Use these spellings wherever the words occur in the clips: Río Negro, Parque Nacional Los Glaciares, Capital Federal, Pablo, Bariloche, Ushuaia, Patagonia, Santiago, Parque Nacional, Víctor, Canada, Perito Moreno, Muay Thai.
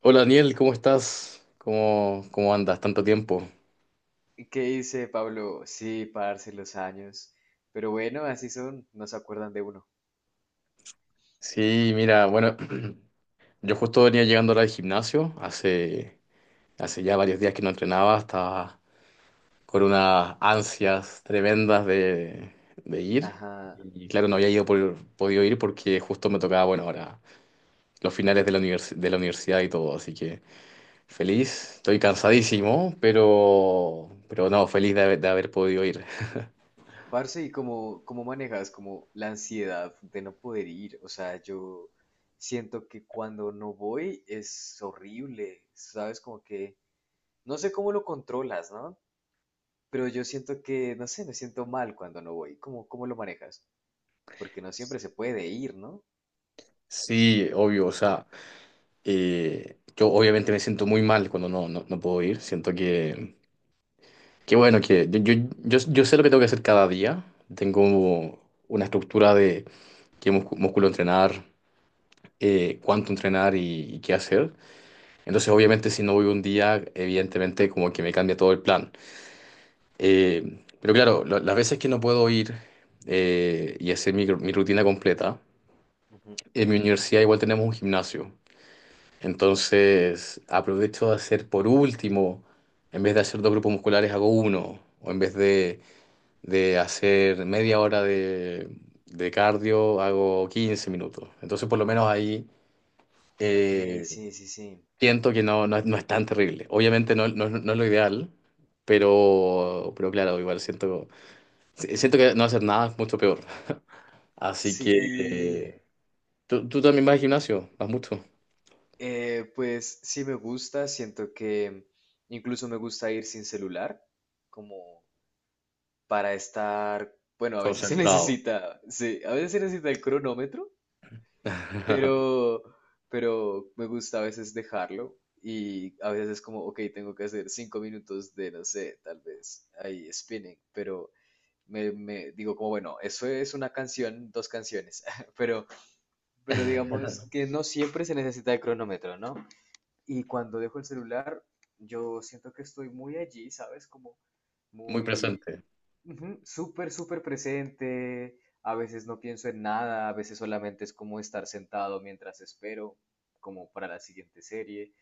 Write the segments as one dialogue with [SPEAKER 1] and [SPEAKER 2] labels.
[SPEAKER 1] Hola Daniel, ¿cómo estás? ¿¿Cómo andas? Tanto tiempo.
[SPEAKER 2] ¿Qué dice Pablo? Sí, parce, los años. Pero bueno, así son, no se acuerdan de uno.
[SPEAKER 1] Sí, mira, bueno, yo justo venía llegando ahora al gimnasio, hace ya varios días que no entrenaba, estaba con unas ansias tremendas de ir.
[SPEAKER 2] Ajá.
[SPEAKER 1] Y claro, no había ido podido ir porque justo me tocaba, bueno, ahora los finales de la de la universidad y todo, así que feliz, estoy cansadísimo, pero no, feliz de haber podido ir.
[SPEAKER 2] Parce, ¿y cómo manejas como la ansiedad de no poder ir? O sea, yo siento que cuando no voy es horrible, ¿sabes? Como que no sé cómo lo controlas, ¿no? Pero yo siento que, no sé, me siento mal cuando no voy. ¿Cómo lo manejas? Porque no siempre se puede ir, ¿no?
[SPEAKER 1] Sí, obvio, o sea. Yo obviamente me siento muy mal cuando no puedo ir. Siento que bueno, que yo sé lo que tengo que hacer cada día. Tengo una estructura de qué músculo entrenar, cuánto entrenar y qué hacer. Entonces, obviamente, si no voy un día, evidentemente como que me cambia todo el plan. Pero claro, las veces que no puedo ir y hacer mi rutina completa,
[SPEAKER 2] Ujú.
[SPEAKER 1] en mi universidad igual tenemos un gimnasio. Entonces, aprovecho de hacer por último, en vez de hacer dos grupos musculares, hago uno. O en vez de hacer media hora de cardio, hago 15 minutos. Entonces, por lo menos ahí
[SPEAKER 2] Ok,
[SPEAKER 1] eh,
[SPEAKER 2] sí, sí, sí.
[SPEAKER 1] siento que no es tan terrible. Obviamente no es lo ideal, pero claro, igual siento, si, siento que no hacer nada es mucho peor. Así que
[SPEAKER 2] Sí.
[SPEAKER 1] eh, tú también vas al gimnasio, vas mucho.
[SPEAKER 2] Pues sí me gusta, siento que incluso me gusta ir sin celular, como para estar, bueno, a veces se
[SPEAKER 1] Concentrado.
[SPEAKER 2] necesita, sí, a veces se necesita el cronómetro, pero, pero me gusta a veces dejarlo. Y a veces es como, ok, tengo que hacer 5 minutos de, no sé, tal vez ahí spinning, pero me digo como, bueno, eso es una canción, dos canciones, pero, pero digamos que no siempre se necesita el cronómetro, ¿no? Y cuando dejo el celular, yo siento que estoy muy allí, ¿sabes? Como
[SPEAKER 1] Muy
[SPEAKER 2] muy,
[SPEAKER 1] presente.
[SPEAKER 2] ujú, súper, súper presente. A veces no pienso en nada, a veces solamente es como estar sentado mientras espero, como para la siguiente serie.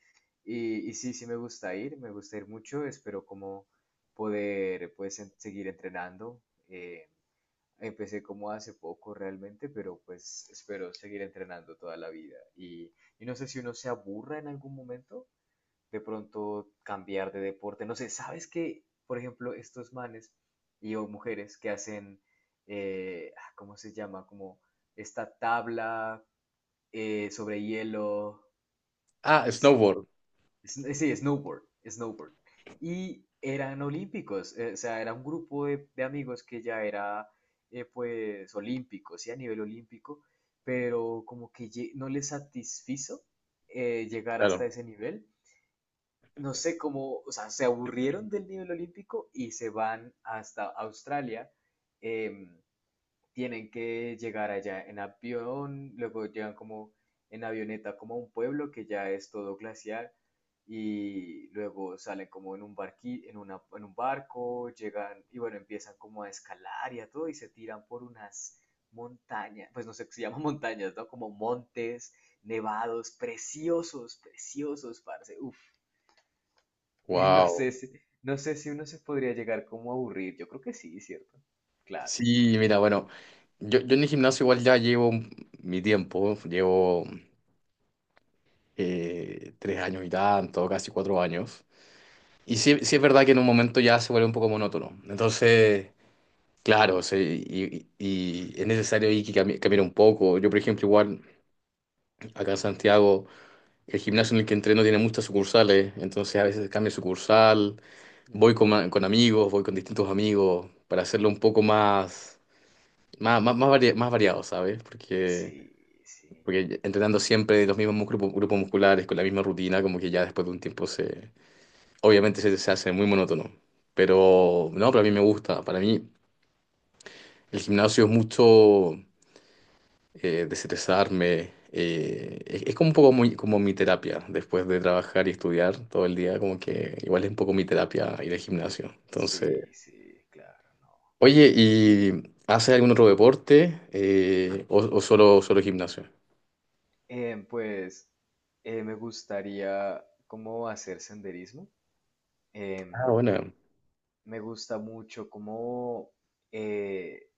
[SPEAKER 2] Y sí, sí me gusta ir mucho, espero como poder pues seguir entrenando. eh, Empecé como hace poco realmente, pero pues espero seguir entrenando toda la vida. Y no sé si uno se aburra en algún momento de pronto cambiar de deporte. No sé, ¿sabes que, por ejemplo, estos manes y o mujeres que hacen, ¿cómo se llama? Como esta tabla sobre hielo,
[SPEAKER 1] Ah,
[SPEAKER 2] esquí,
[SPEAKER 1] snowboard,
[SPEAKER 2] es- sí, snowboard. Y eran olímpicos, o sea, era un grupo de amigos que ya era, pues, olímpicos, sí, a nivel olímpico, pero como que no les satisfizo llegar hasta
[SPEAKER 1] claro.
[SPEAKER 2] ese nivel. No sé cómo, o sea, se aburrieron del nivel olímpico y se van hasta Australia. em, Tienen que llegar allá en avión, luego llegan como en avioneta como a un pueblo que ya es todo glaciar, y luego salen como en un en un barco, llegan y bueno, empiezan como a escalar y a todo y se tiran por unas montañas, pues no sé, qué se llaman montañas, ¿no? Como montes nevados, preciosos, preciosos, parce, uf. No sé
[SPEAKER 1] Wow.
[SPEAKER 2] si, no sé si uno se podría llegar como a aburrir. Yo creo que sí, ¿cierto? Claro.
[SPEAKER 1] Sí, mira, bueno, yo en el gimnasio igual ya llevo mi tiempo, llevo 3 años y tanto, casi 4 años. Y sí,
[SPEAKER 2] Ujú,
[SPEAKER 1] sí es verdad que en un momento ya se vuelve un poco monótono. Entonces, claro, sí, y es necesario ahí que cambiar un poco. Yo, por ejemplo, igual acá en Santiago, el gimnasio en el que entreno tiene muchas sucursales, entonces a veces cambio de sucursal, voy
[SPEAKER 2] ujú.
[SPEAKER 1] con amigos, voy con distintos amigos para hacerlo un poco más. Más variado, ¿sabes? Porque,
[SPEAKER 2] Sí, sí,
[SPEAKER 1] porque entrenando siempre los mismos grupos, grupos musculares con la misma rutina, como que ya después de un tiempo se... Obviamente se hace muy monótono. Pero no, para mí me gusta. Para mí el gimnasio es mucho desestresarme. Es como un poco muy, como mi terapia. Después de trabajar y estudiar todo el día, como que igual es un poco mi terapia ir al gimnasio. Entonces,
[SPEAKER 2] sí, sí, claro, no.
[SPEAKER 1] oye, ¿y haces algún otro deporte? O solo gimnasio?
[SPEAKER 2] Em, pues Me gustaría como hacer senderismo.
[SPEAKER 1] Ah,
[SPEAKER 2] Em,
[SPEAKER 1] bueno.
[SPEAKER 2] Me gusta mucho como eh,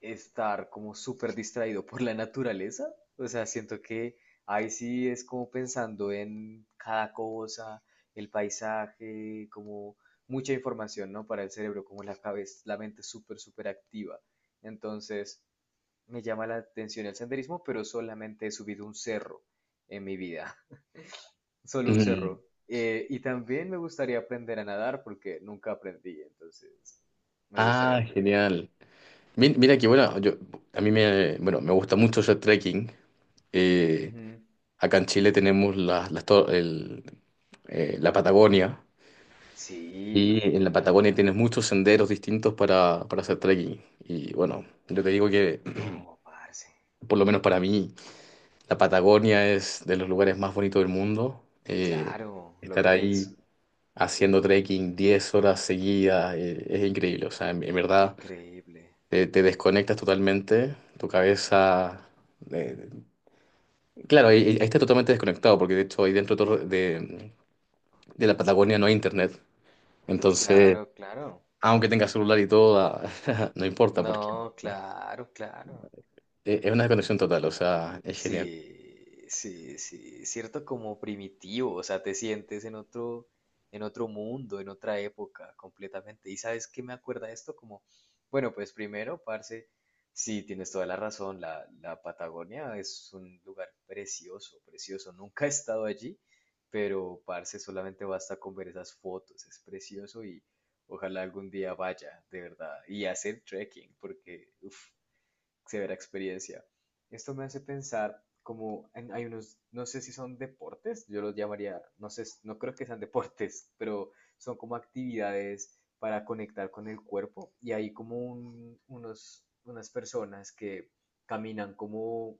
[SPEAKER 2] estar como súper distraído por la naturaleza. O sea, siento que ahí sí es como pensando en cada cosa, el paisaje, como mucha información, ¿no? Para el cerebro, como la cabeza, la mente súper, súper activa. Entonces, me llama la atención el senderismo, pero solamente he subido un cerro en mi vida, solo un
[SPEAKER 1] Mm.
[SPEAKER 2] cerro. Y también me gustaría aprender a nadar porque nunca aprendí, entonces me gustaría
[SPEAKER 1] Ah,
[SPEAKER 2] aprender.
[SPEAKER 1] genial. Mira que bueno, yo, a mí bueno, me gusta mucho hacer trekking. Eh,
[SPEAKER 2] Ujú.
[SPEAKER 1] Acá en Chile tenemos la Patagonia
[SPEAKER 2] Sí,
[SPEAKER 1] y en la
[SPEAKER 2] marica.
[SPEAKER 1] Patagonia tienes muchos senderos distintos para hacer trekking. Y bueno, yo te digo que,
[SPEAKER 2] No, parce.
[SPEAKER 1] por lo menos para mí, la Patagonia es de los lugares más bonitos del mundo.
[SPEAKER 2] Claro, lo
[SPEAKER 1] Estar
[SPEAKER 2] es.
[SPEAKER 1] ahí haciendo trekking 10 horas seguidas es increíble. O sea, en verdad...
[SPEAKER 2] Increíble.
[SPEAKER 1] te desconectas totalmente, tu cabeza... eh, claro, ahí está totalmente desconectado, porque de hecho ahí dentro de, todo- de la Patagonia no hay internet. Entonces,
[SPEAKER 2] Claro, claro.
[SPEAKER 1] aunque tengas celular y todo, ah, no importa, porque
[SPEAKER 2] No, claro, claro.
[SPEAKER 1] es una desconexión total, o sea, es genial.
[SPEAKER 2] Sí, sí, sí, cierto como primitivo, o sea, te sientes en otro mundo, en otra época completamente. ¿Y sabes qué me acuerda esto? Como, bueno, pues primero, parce, sí, tienes toda la razón, la, la Patagonia es un lugar precioso, precioso. Nunca he estado allí, pero parce, solamente basta con ver esas fotos, es precioso y ojalá algún día vaya, de verdad, y hacer trekking, porque, uff, severa experiencia. Esto me hace pensar como hay unos, no sé si son deportes, yo los llamaría, no sé, no creo que sean deportes, pero son como actividades para conectar con el cuerpo y hay como unos, unas personas que caminan como,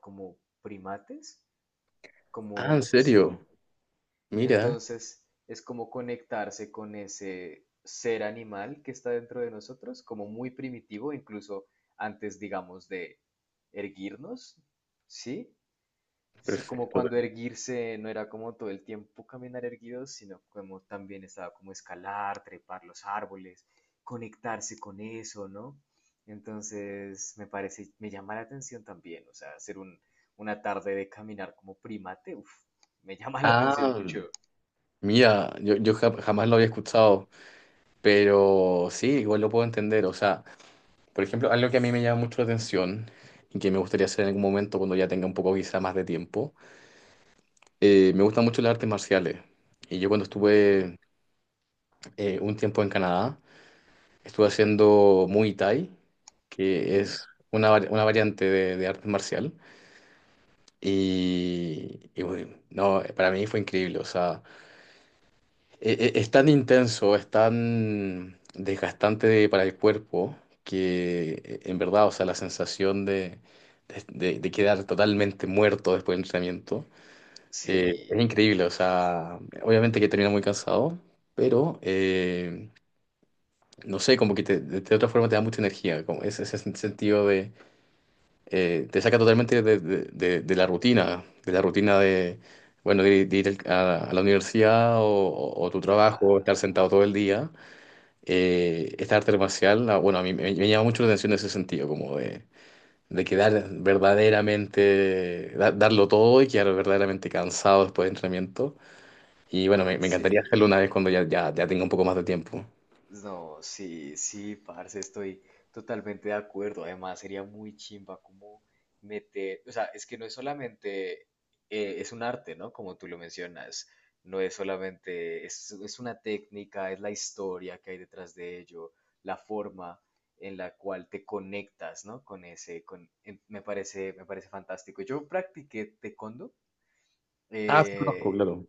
[SPEAKER 2] como primates,
[SPEAKER 1] Ah, ¿en
[SPEAKER 2] como,
[SPEAKER 1] serio?
[SPEAKER 2] sí,
[SPEAKER 1] Mira,
[SPEAKER 2] entonces, es como conectarse con ese ser animal que está dentro de nosotros, como muy primitivo, incluso antes, digamos, de erguirnos, ¿sí? Es como
[SPEAKER 1] perfecto.
[SPEAKER 2] cuando erguirse no era como todo el tiempo caminar erguidos, sino como también estaba como escalar, trepar los árboles, conectarse con eso, ¿no? Entonces, me parece, me llama la atención también, o sea, hacer un, una tarde de caminar como primate, uf, me llama la atención
[SPEAKER 1] Ah,
[SPEAKER 2] mucho.
[SPEAKER 1] mira, yo jamás lo había escuchado, pero sí, igual lo puedo entender, o sea... Por ejemplo, algo que a mí me llama mucho la atención y que me gustaría hacer en algún momento cuando ya tenga un poco quizá más de tiempo, me gustan mucho las artes marciales. Y yo cuando
[SPEAKER 2] Ujú,
[SPEAKER 1] estuve un tiempo en Canadá, estuve haciendo Muay Thai, que
[SPEAKER 2] ujú.
[SPEAKER 1] es una, una variante de arte marcial. Y bueno, no, para mí fue increíble. O sea, es tan intenso, es tan desgastante para el cuerpo que en verdad, o sea, la sensación de- de quedar totalmente muerto después del entrenamiento
[SPEAKER 2] Sí,
[SPEAKER 1] es increíble, o
[SPEAKER 2] uf,
[SPEAKER 1] sea, obviamente que termina muy cansado, pero no sé, como que de otra forma te da mucha energía, como ese sentido de, te saca totalmente de la rutina, de la rutina de... Bueno, de ir a la universidad o tu trabajo, estar
[SPEAKER 2] claro,
[SPEAKER 1] sentado todo el día esta arte marcial, ah, bueno, a mí me llama mucho la atención en ese sentido, como de quedar verdaderamente, darlo todo y quedar verdaderamente cansado después de entrenamiento. Y bueno, me encantaría
[SPEAKER 2] sí,
[SPEAKER 1] hacerlo una vez cuando ya tenga un poco más de tiempo.
[SPEAKER 2] no, sí, sí, parce, estoy totalmente de acuerdo. Además, sería muy chimba como meter, o sea, es que no es solamente, es un arte, ¿no? Como tú lo mencionas, no es solamente, es una técnica, es la historia que hay detrás de ello, la forma en la cual te conectas, ¿no? Con ese, con, me parece fantástico. Yo practiqué taekwondo.
[SPEAKER 1] Ah, sí, conozco,
[SPEAKER 2] Eh,
[SPEAKER 1] claro.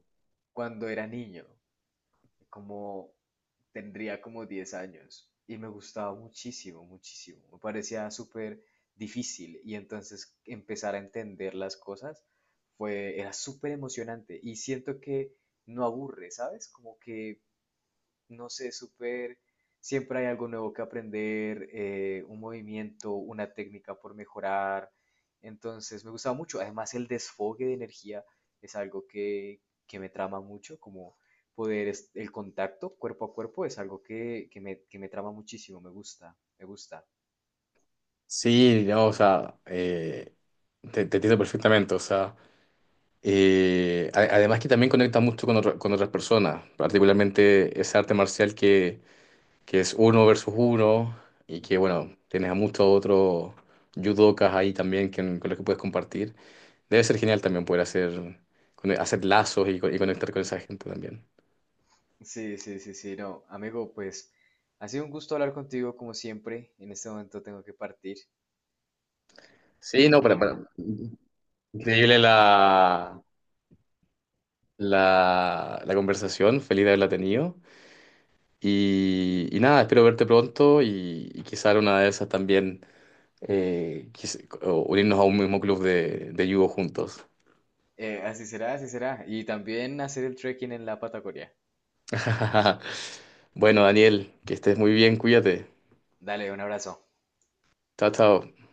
[SPEAKER 2] Cuando era niño, como tendría como 10 años y me gustaba muchísimo, muchísimo. Me parecía súper difícil y entonces empezar a entender las cosas fue, era súper emocionante y siento que no aburre, ¿sabes? Como que no sé, súper, siempre hay algo nuevo que aprender, un movimiento, una técnica por mejorar. Entonces me gustaba mucho. Además, el desfogue de energía es algo que me trama mucho, como poder, el contacto cuerpo a cuerpo es algo que, que me trama muchísimo, me gusta, me gusta.
[SPEAKER 1] Sí, no, o sea, te entiendo perfectamente, o sea, además que también conecta mucho con, con otras personas, particularmente ese arte marcial que es uno versus uno y que,
[SPEAKER 2] Ujú.
[SPEAKER 1] bueno, tienes a muchos otros judokas ahí también con los que puedes compartir. Debe ser genial también poder hacer, hacer lazos y conectar con esa gente también.
[SPEAKER 2] Sí, sí, sí, sí, no, amigo, pues ha sido un gusto hablar contigo como siempre. En este momento tengo que partir.
[SPEAKER 1] Sí, no, increíble la conversación, feliz de haberla tenido. Y nada, espero verte pronto y quizá en una de esas también o unirnos a un mismo club de judo juntos.
[SPEAKER 2] Así será, así será. Y también hacer el trekking en la Patagonia.
[SPEAKER 1] Bueno, Daniel, que estés muy bien, cuídate.
[SPEAKER 2] Dale, un abrazo.
[SPEAKER 1] Chao, chao.